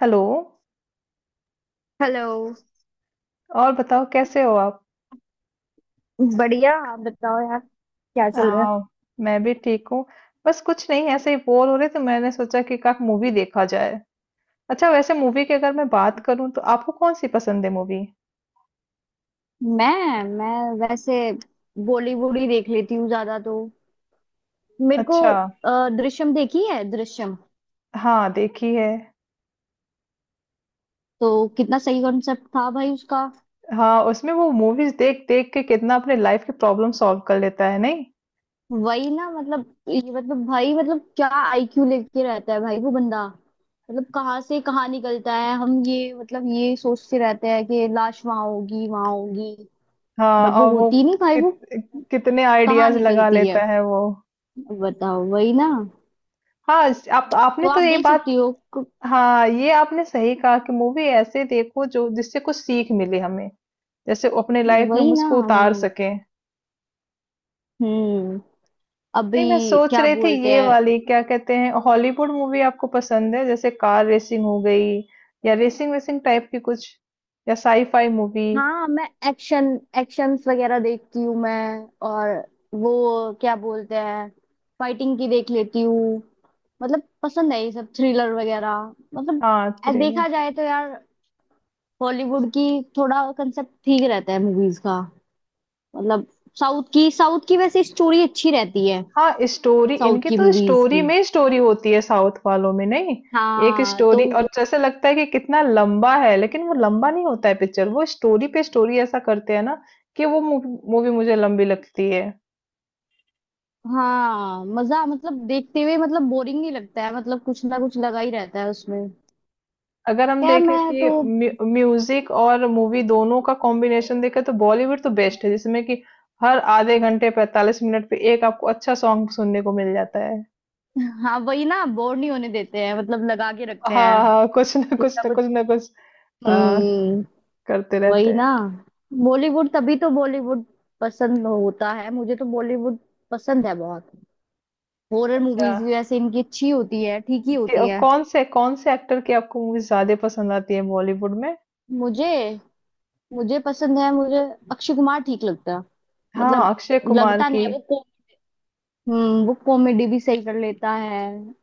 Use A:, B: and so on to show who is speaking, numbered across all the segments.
A: Hello.
B: Hello.
A: और बताओ कैसे हो आप?
B: बढ़िया। आप बताओ यार, क्या चल रहा है।
A: आ, मैं भी ठीक हूँ। बस कुछ नहीं, ऐसे ही बोर हो रहे थे, मैंने सोचा कि का मूवी देखा जाए। अच्छा, वैसे मूवी की अगर मैं बात करूँ तो आपको कौन सी पसंद है मूवी?
B: मैं वैसे बॉलीवुड ही देख लेती हूँ ज्यादा तो। मेरे को
A: अच्छा।
B: दृश्यम देखी है, दृश्यम।
A: हाँ, देखी है।
B: तो कितना सही कॉन्सेप्ट था भाई उसका।
A: हाँ, उसमें वो मूवीज देख देख के कितना अपने लाइफ के प्रॉब्लम सॉल्व कर लेता है, नहीं?
B: वही ना, मतलब ये, मतलब भाई, मतलब क्या आईक्यू लेके रहता है भाई वो बंदा, मतलब कहाँ से कहाँ निकलता है। हम ये, मतलब ये सोचते रहते हैं कि लाश वहां होगी वहां होगी।
A: हाँ,
B: बट वो
A: और वो
B: होती नहीं भाई,
A: कित,
B: वो
A: कितने
B: कहाँ
A: आइडियाज लगा
B: निकलती है।
A: लेता है वो।
B: बताओ, वही ना।
A: हाँ, इस- आप
B: तो
A: आपने तो
B: आप
A: ये
B: देख
A: बात।
B: सकती हो
A: हाँ, ये आपने सही कहा कि मूवी ऐसे देखो जो जिससे कुछ सीख मिले हमें, जैसे अपने लाइफ में
B: वही
A: हम
B: ना।
A: उसको
B: हम
A: उतार सकें।
B: हम्म।
A: नहीं, मैं
B: अभी
A: सोच
B: क्या
A: रही थी
B: बोलते
A: ये
B: हैं।
A: वाली क्या कहते हैं हॉलीवुड मूवी आपको पसंद है? जैसे कार रेसिंग हो गई, या रेसिंग वेसिंग टाइप की कुछ, या साईफाई मूवी।
B: हाँ, मैं एक्शन, एक्शंस वगैरह देखती हूँ मैं। और वो क्या बोलते हैं, फाइटिंग की देख लेती हूँ। मतलब पसंद है ये सब, थ्रिलर वगैरह, मतलब।
A: हाँ, थ्रिलर।
B: देखा जाए तो यार, हॉलीवुड की थोड़ा कंसेप्ट ठीक रहता है मूवीज का। मतलब साउथ की, साउथ की वैसे स्टोरी अच्छी रहती है।
A: हाँ, स्टोरी
B: साउथ
A: इनकी
B: की
A: तो
B: मूवीज
A: स्टोरी
B: की।
A: में स्टोरी होती है, साउथ वालों में नहीं। एक
B: हाँ
A: स्टोरी
B: तो।
A: और जैसे लगता है कि कितना लंबा है, लेकिन वो लंबा नहीं होता है पिक्चर, वो स्टोरी पे स्टोरी ऐसा करते हैं ना कि वो मूवी मुझे लंबी लगती है।
B: हाँ, मजा, मतलब देखते हुए मतलब बोरिंग नहीं लगता है, मतलब कुछ ना कुछ लगा ही रहता है उसमें।
A: अगर हम
B: खैर
A: देखें
B: मैं
A: कि
B: तो।
A: म्यूजिक और मूवी दोनों का कॉम्बिनेशन देखें, तो बॉलीवुड तो बेस्ट है, जिसमें कि हर आधे घंटे 45 मिनट पे एक आपको अच्छा सॉन्ग सुनने को मिल जाता है।
B: हाँ वही ना, बोर नहीं होने देते हैं, मतलब लगा के रखते हैं।
A: हाँ, हाँ, कुछ ना
B: कुछ
A: कुछ,
B: ना
A: ना
B: कुछ।
A: कुछ ना कुछ, आ,
B: हम्म।
A: करते रहते
B: वही
A: हैं।
B: ना। बॉलीवुड, तभी तो बॉलीवुड पसंद होता है, मुझे तो बॉलीवुड पसंद है बहुत। हॉरर
A: अच्छा,
B: मूवीज भी वैसे इनकी अच्छी होती है, ठीक ही होती
A: और
B: है।
A: कौन से एक्टर की आपको मूवी ज्यादा पसंद आती है बॉलीवुड में?
B: मुझे मुझे पसंद है, मुझे अक्षय कुमार ठीक लगता है।
A: हाँ,
B: मतलब
A: अक्षय कुमार
B: लगता नहीं
A: की।
B: है वो। वो कॉमेडी भी सही कर लेता है,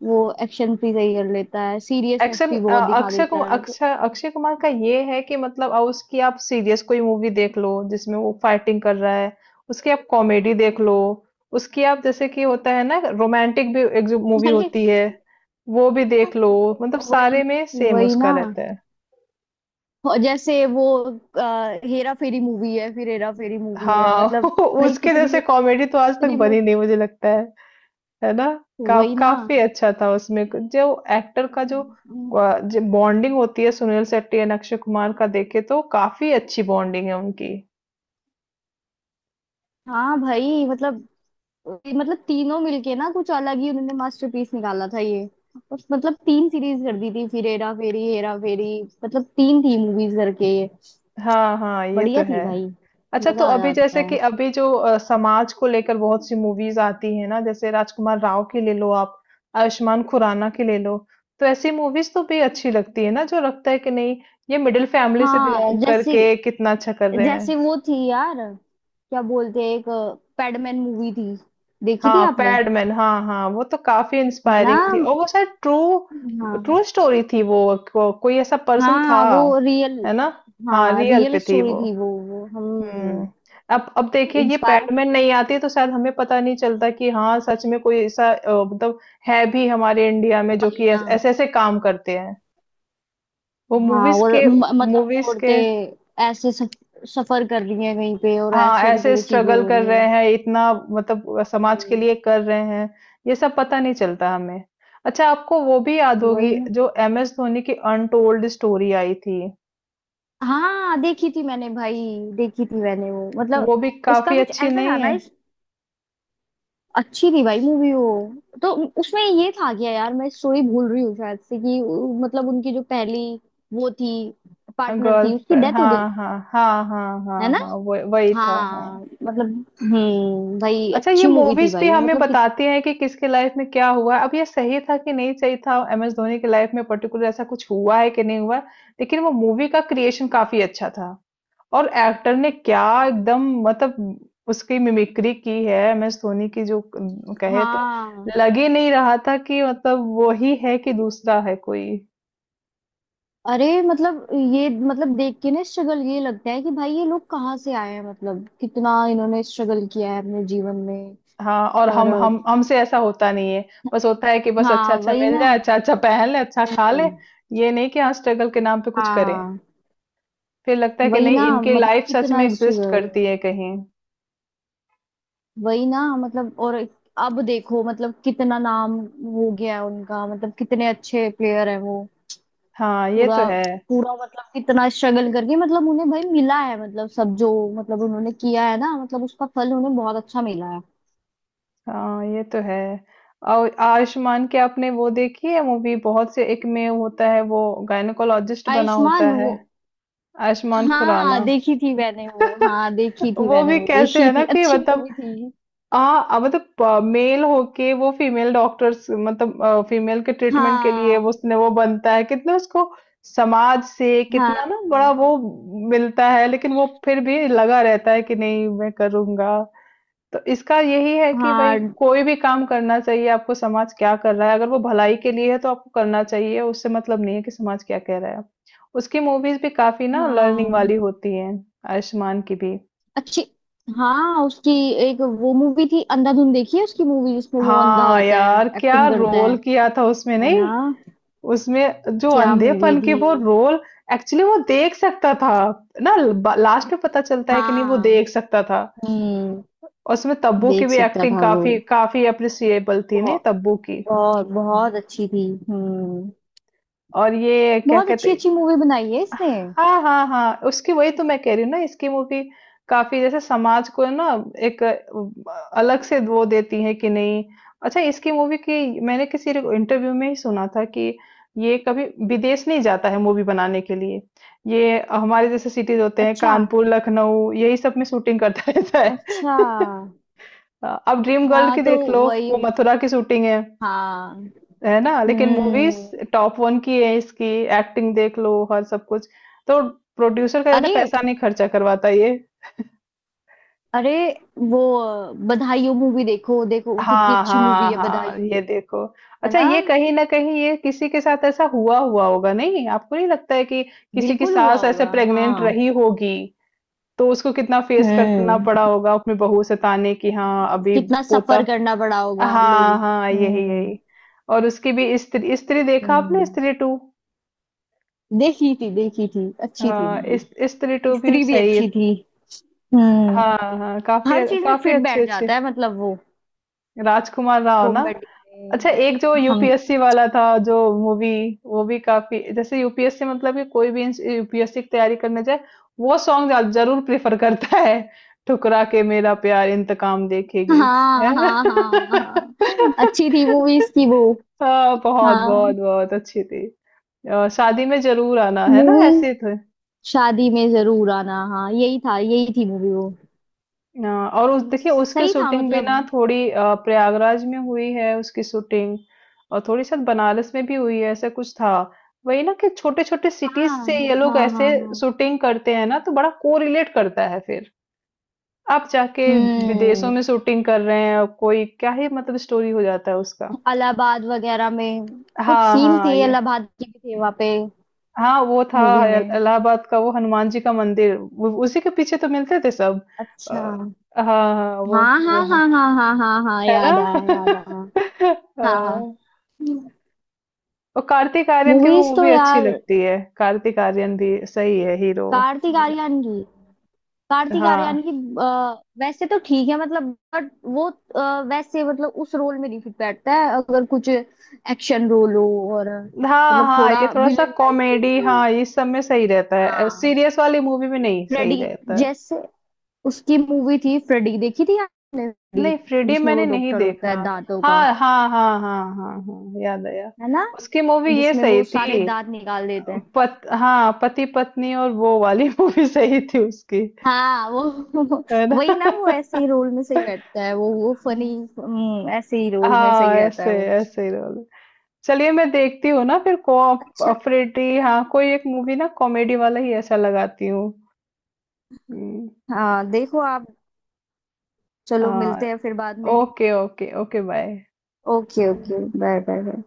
B: वो एक्शन भी सही कर लेता है, सीरियसनेस
A: एक्शन,
B: भी बहुत दिखा
A: अक्षय
B: देता
A: कुमार
B: है तो।
A: अक्षय अक्षय कुमार का ये है कि मतलब अब उसकी आप सीरियस कोई मूवी देख लो जिसमें वो फाइटिंग कर रहा है, उसकी आप कॉमेडी देख लो, उसकी आप जैसे कि होता है ना रोमांटिक भी एक जो मूवी
B: अरे,
A: होती है वो भी देख लो, मतलब
B: वही,
A: सारे में सेम
B: वही ना।
A: उसका रहता है।
B: और जैसे वो हेरा फेरी मूवी है, फिर हेरा फेरी मूवी है,
A: हाँ
B: मतलब। भाई
A: उसके जैसे
B: कितने,
A: कॉमेडी तो आज तक
B: कितने
A: बनी नहीं, मुझे लगता है ना?
B: वही ना।
A: काफ़ी अच्छा था उसमें, क जो एक्टर का जो बॉन्डिंग होती है सुनील शेट्टी एंड अक्षय कुमार का देखे, तो काफ़ी अच्छी बॉन्डिंग है उनकी।
B: हाँ भाई, मतलब तीनों मिलके ना कुछ अलग ही उन्होंने मास्टरपीस निकाला था ये। और मतलब तीन सीरीज कर दी थी, फिर हेरा फेरी, हेरा फेरी, मतलब तीन थी मूवीज करके ये।
A: हाँ, हाँ, ये तो
B: बढ़िया थी
A: है।
B: भाई।
A: अच्छा, तो
B: मजा आ
A: अभी
B: जाता
A: जैसे
B: है।
A: कि अभी जो समाज को लेकर बहुत सी मूवीज़ आती हैं ना, जैसे राजकुमार राव की ले लो आप, आयुष्मान खुराना की ले लो, तो ऐसी मूवीज़ तो भी अच्छी लगती है ना, जो लगता है कि नहीं, ये मिडल फैमिली से
B: हाँ
A: बिलॉन्ग
B: जैसे,
A: करके कितना अच्छा कर रहे
B: जैसे
A: हैं।
B: वो थी यार, क्या बोलते हैं, एक पैडमैन मूवी थी। देखी थी
A: हाँ,
B: आपने?
A: पैडमैन, हाँ, हाँ, वो तो काफी
B: है ना।
A: इंस्पायरिंग थी, और वो शायद ट्रू
B: हाँ,
A: ट्रू स्टोरी थी वो, कोई ऐसा पर्सन था,
B: हाँ वो रियल।
A: है ना? हाँ,
B: हाँ,
A: रियल
B: रियल
A: पे थी
B: स्टोरी
A: वो।
B: थी वो
A: हम्म।
B: हम
A: अब देखिए ये
B: इंस्पायर।
A: पैडमैन नहीं आती तो शायद हमें पता नहीं चलता कि हाँ सच में कोई ऐसा मतलब है भी हमारे इंडिया में, जो
B: वही
A: कि
B: ना।
A: ऐसे ऐसे काम करते हैं वो
B: हाँ,
A: मूवीज
B: और
A: के
B: मतलब
A: मूवीज के
B: औरतें ऐसे सफर कर रही हैं कहीं पे, और
A: हाँ,
B: ऐसे उनके
A: ऐसे
B: लिए चीजें
A: स्ट्रगल
B: हो
A: कर
B: रही हैं।
A: रहे हैं इतना, मतलब समाज के
B: हम्म।
A: लिए कर रहे हैं, ये सब पता नहीं चलता हमें। अच्छा, आपको वो भी याद
B: वही
A: होगी
B: ना।
A: जो एम एस धोनी की अनटोल्ड स्टोरी आई थी?
B: हाँ देखी थी मैंने भाई, देखी थी मैंने वो, मतलब
A: वो भी
B: उसका
A: काफी
B: कुछ
A: अच्छी
B: ऐसा था
A: नहीं
B: ना,
A: है?
B: इस। अच्छी थी भाई मूवी वो, तो उसमें ये था क्या यार, मैं स्टोरी भूल रही हूँ शायद, से कि मतलब उनकी जो पहली वो थी पार्टनर थी, उसकी
A: गर्लफ्रेंड,
B: डेथ हो
A: हाँ,
B: गई थी।
A: हाँ, हाँ, हाँ,
B: है
A: हाँ,
B: ना।
A: हाँ, वही वही था, हाँ।
B: हाँ मतलब। भाई
A: अच्छा, ये
B: अच्छी मूवी थी
A: मूवीज भी
B: भाई वो,
A: हमें
B: मतलब कि।
A: बताती हैं कि किसके लाइफ में क्या हुआ है। अब ये सही था कि नहीं सही था, एम एस धोनी की लाइफ में पर्टिकुलर ऐसा कुछ हुआ है कि नहीं हुआ, लेकिन वो मूवी का क्रिएशन काफी अच्छा था। और एक्टर ने क्या एकदम, मतलब उसकी मिमिक्री की है एमएस धोनी की जो कहे तो
B: हाँ।
A: लग ही नहीं रहा था कि मतलब वो ही है कि दूसरा है कोई।
B: अरे मतलब ये, मतलब देख के ना स्ट्रगल, ये लगता है कि भाई ये लोग कहाँ से आए हैं, मतलब कितना इन्होंने स्ट्रगल किया है अपने जीवन में।
A: हाँ, और
B: और।
A: हम हमसे ऐसा होता नहीं है। बस होता है कि बस अच्छा
B: हाँ
A: अच्छा
B: वही
A: मिल
B: ना।
A: जाए, अच्छा अच्छा पहन ले, अच्छा खा ले,
B: हम्म।
A: ये नहीं कि हाँ स्ट्रगल के नाम पे कुछ करें।
B: हाँ
A: फिर लगता है कि
B: वही ना,
A: नहीं, इनकी
B: मतलब
A: लाइफ सच में
B: कितना
A: एग्जिस्ट
B: स्ट्रगल।
A: करती है कहीं।
B: वही ना मतलब। और अब देखो मतलब कितना नाम हो गया है उनका, मतलब कितने अच्छे प्लेयर है वो।
A: हाँ, ये
B: पूरा,
A: तो है।
B: पूरा मतलब कितना स्ट्रगल करके, मतलब उन्हें भाई मिला है, मतलब सब जो, मतलब उन्होंने किया है ना, मतलब उसका फल उन्हें बहुत अच्छा मिला है।
A: हाँ, ये तो है। और आयुष्मान की आपने वो देखी है मूवी, बहुत से एक में होता है वो गायनोकोलॉजिस्ट बना होता
B: आयुष्मान
A: है?
B: वो।
A: आयुष्मान
B: हाँ
A: खुराना।
B: देखी थी मैंने वो, हाँ देखी थी
A: वो
B: मैंने
A: भी
B: वो,
A: कैसे
B: देखी
A: है ना
B: थी,
A: कि
B: अच्छी
A: मतलब,
B: मूवी थी।
A: हाँ मतलब मेल होके वो फीमेल डॉक्टर्स, मतलब फीमेल के ट्रीटमेंट के लिए वो
B: हाँ
A: उसने वो बनता है, कितना उसको समाज से
B: हाँ
A: कितना ना बड़ा वो मिलता है, लेकिन वो फिर भी लगा रहता है कि नहीं मैं करूंगा। तो इसका यही है कि भाई
B: हाँ
A: कोई भी काम करना चाहिए आपको, समाज क्या कर रहा है, अगर वो भलाई के लिए है तो आपको करना चाहिए, उससे मतलब नहीं है कि समाज क्या कह रहा है। उसकी मूवीज भी काफी ना लर्निंग
B: हाँ।
A: वाली होती हैं। आयुष्मान की भी।
B: अच्छी। हाँ उसकी एक वो मूवी थी, अंधाधुन देखी है उसकी मूवी, जिसमें वो अंधा
A: हाँ
B: होता है,
A: यार, क्या
B: एक्टिंग करता है।
A: रोल किया था उसमें,
B: है ना।
A: नहीं? उसमें जो
B: क्या मूवी
A: अंधेपन की
B: थी।
A: वो रोल, एक्चुअली वो देख सकता था ना, लास्ट में पता चलता है कि नहीं, वो
B: हाँ।
A: देख सकता था।
B: हम्म।
A: और उसमें तब्बू की
B: देख
A: भी
B: सकता
A: एक्टिंग
B: था वो।
A: काफी काफी अप्रिसिएबल थी, नहीं?
B: बहुत,
A: तब्बू की।
B: बहुत बहुत अच्छी थी। हम्म।
A: और ये क्या
B: बहुत अच्छी
A: कहते,
B: अच्छी मूवी बनाई है इसने।
A: हाँ हाँ हाँ, उसकी वही तो मैं कह रही हूँ ना, इसकी मूवी काफी जैसे समाज को ना एक अलग से वो देती है कि नहीं? अच्छा, इसकी मूवी की मैंने किसी इंटरव्यू में ही सुना था कि ये कभी विदेश नहीं जाता है मूवी बनाने के लिए। ये हमारे जैसे सिटीज होते हैं,
B: अच्छा।
A: कानपुर, लखनऊ, यही सब में शूटिंग करता रहता है।
B: अच्छा,
A: अब ड्रीम गर्ल
B: हाँ
A: की
B: तो
A: देख लो,
B: वही।
A: वो मथुरा की शूटिंग है
B: हाँ।
A: है ना? लेकिन मूवीज
B: हम्म।
A: टॉप वन की है इसकी, एक्टिंग देख लो, हर सब कुछ, तो प्रोड्यूसर का ज्यादा
B: अरे,
A: पैसा नहीं खर्चा करवाता ये।
B: अरे वो बधाई हो मूवी, देखो देखो कितनी
A: हाँ,
B: अच्छी मूवी
A: हाँ,
B: है, बधाई।
A: हाँ, ये देखो।
B: है
A: अच्छा,
B: ना।
A: ये कहीं ना कहीं ये किसी के साथ ऐसा हुआ हुआ होगा, नहीं? आपको नहीं लगता है कि किसी की
B: बिल्कुल हुआ
A: सास ऐसे
B: होगा
A: प्रेग्नेंट
B: हाँ।
A: रही होगी, तो उसको कितना फेस करना
B: हम्म।
A: पड़ा होगा अपनी बहू से ताने की, हाँ अभी
B: कितना
A: पोता।
B: सफर करना पड़ा होगा
A: हाँ,
B: लोगों।
A: हाँ, यही
B: हम्म।
A: यही। और उसकी भी स्त्री, स्त्री देखा
B: हम्म,
A: आपने स्त्री टू?
B: देखी थी, देखी थी, अच्छी थी
A: हाँ,
B: मूवी।
A: स्त्री टू भी
B: स्त्री भी
A: सही।
B: अच्छी थी। हम्म।
A: हाँ, हाँ,
B: हर
A: काफ़ी
B: चीज में
A: काफ़ी
B: फिट बैठ
A: अच्छी-अच्छी।
B: जाता है मतलब वो,
A: राजकुमार राव, ना?
B: कॉमेडी
A: अच्छा,
B: में।
A: एक जो
B: हम।
A: यूपीएससी वाला था जो मूवी, वो भी काफ़ी, जैसे यूपीएससी मतलब कि कोई भी इंस यूपीएससी की तैयारी करने जाए, वो सॉन्ग ज ज़रूर प्रेफ़र करता है, ठुकरा के मेरा प्यार इंतकाम देखेगी।
B: हाँ
A: हैं?
B: हाँ हाँ हाँ, अच्छी थी मूवीज की वो।
A: हाँ, बहुत, बहुत,
B: हाँ।
A: बहुत अच्छी थी। शादी में ज़रूर आना, है ना?
B: मूवी।
A: ऐसे थे।
B: शादी में जरूर आना, हाँ यही था, यही थी मूवी वो।
A: और उस देखिए उसकी
B: सही था
A: शूटिंग भी
B: मतलब।
A: ना थोड़ी प्रयागराज में हुई है उसकी शूटिंग, और थोड़ी शायद बनारस में भी हुई है, ऐसा कुछ था। वही ना कि छोटे छोटे सिटीज
B: हाँ
A: से ये लोग
B: हाँ हाँ
A: ऐसे
B: हाँ।
A: शूटिंग करते हैं ना, तो बड़ा कोरिलेट करता है फिर। आप जाके विदेशों
B: हम्म।
A: में शूटिंग कर रहे हैं और कोई क्या ही मतलब स्टोरी हो जाता है उसका।
B: इलाहाबाद वगैरह में कुछ
A: हाँ,
B: सीन
A: हाँ,
B: थे,
A: ये,
B: इलाहाबाद की भी थे वहां पे,
A: हाँ वो था।
B: मूवी में।
A: इलाहाबाद का वो हनुमान जी का मंदिर, उसी के पीछे तो मिलते थे सब। अ,
B: अच्छा।
A: हाँ, हाँ, वो
B: हाँ
A: वो
B: हाँ
A: है
B: हाँ हाँ हाँ हाँ हाँ,
A: है ना?
B: याद आया, याद आया। हाँ।
A: हाँ, और कार्तिक आर्यन की भी
B: मूवीज तो
A: मूवी अच्छी
B: यार,
A: लगती है, कार्तिक आर्यन भी सही है हीरो।
B: कार्तिक आर्यन की, कार्तिक
A: हाँ,
B: आर्यन की वैसे तो ठीक है मतलब। बट वो वैसे मतलब उस रोल में नहीं फिट बैठता है, अगर कुछ एक्शन रोल हो, और
A: हाँ,
B: मतलब
A: हाँ, ये
B: थोड़ा
A: थोड़ा सा
B: विलन टाइप
A: कॉमेडी,
B: रोल हो।
A: हाँ इस सब में सही रहता है,
B: हाँ।
A: सीरियस वाली मूवी में नहीं सही
B: फ्रेडी,
A: रहता है।
B: जैसे उसकी मूवी थी फ्रेडी, देखी थी आपने फ्रेडी,
A: नहीं, फ्रीडी
B: जिसमें वो
A: मैंने नहीं
B: डॉक्टर होता
A: देखा।
B: है दांतों का।
A: हाँ, हाँ, हाँ, हाँ, हाँ, हाँ, याद आया,
B: है ना।
A: उसकी मूवी ये
B: जिसमें वो
A: सही थी।
B: सारे दांत निकाल देते हैं।
A: पत हाँ, पति पत्नी और वो वाली मूवी सही थी उसकी,
B: हाँ वो।
A: है ना?
B: वही ना, वो ऐसे ही रोल में सही बैठता है, वो फनी, ऐसे ही रोल में
A: हाँ,
B: सही रहता
A: ऐसे
B: है वो।
A: ऐसे ही रोल। चलिए मैं देखती हूँ ना फिर
B: अच्छा।
A: कोऑपरेटिव, हाँ, कोई एक मूवी ना कॉमेडी वाला ही ऐसा लगाती हूँ। हम्म।
B: हाँ देखो आप। चलो मिलते
A: हाँ,
B: हैं फिर बाद में।
A: Okay okay okay bye.
B: Okay, okay, bye bye bye.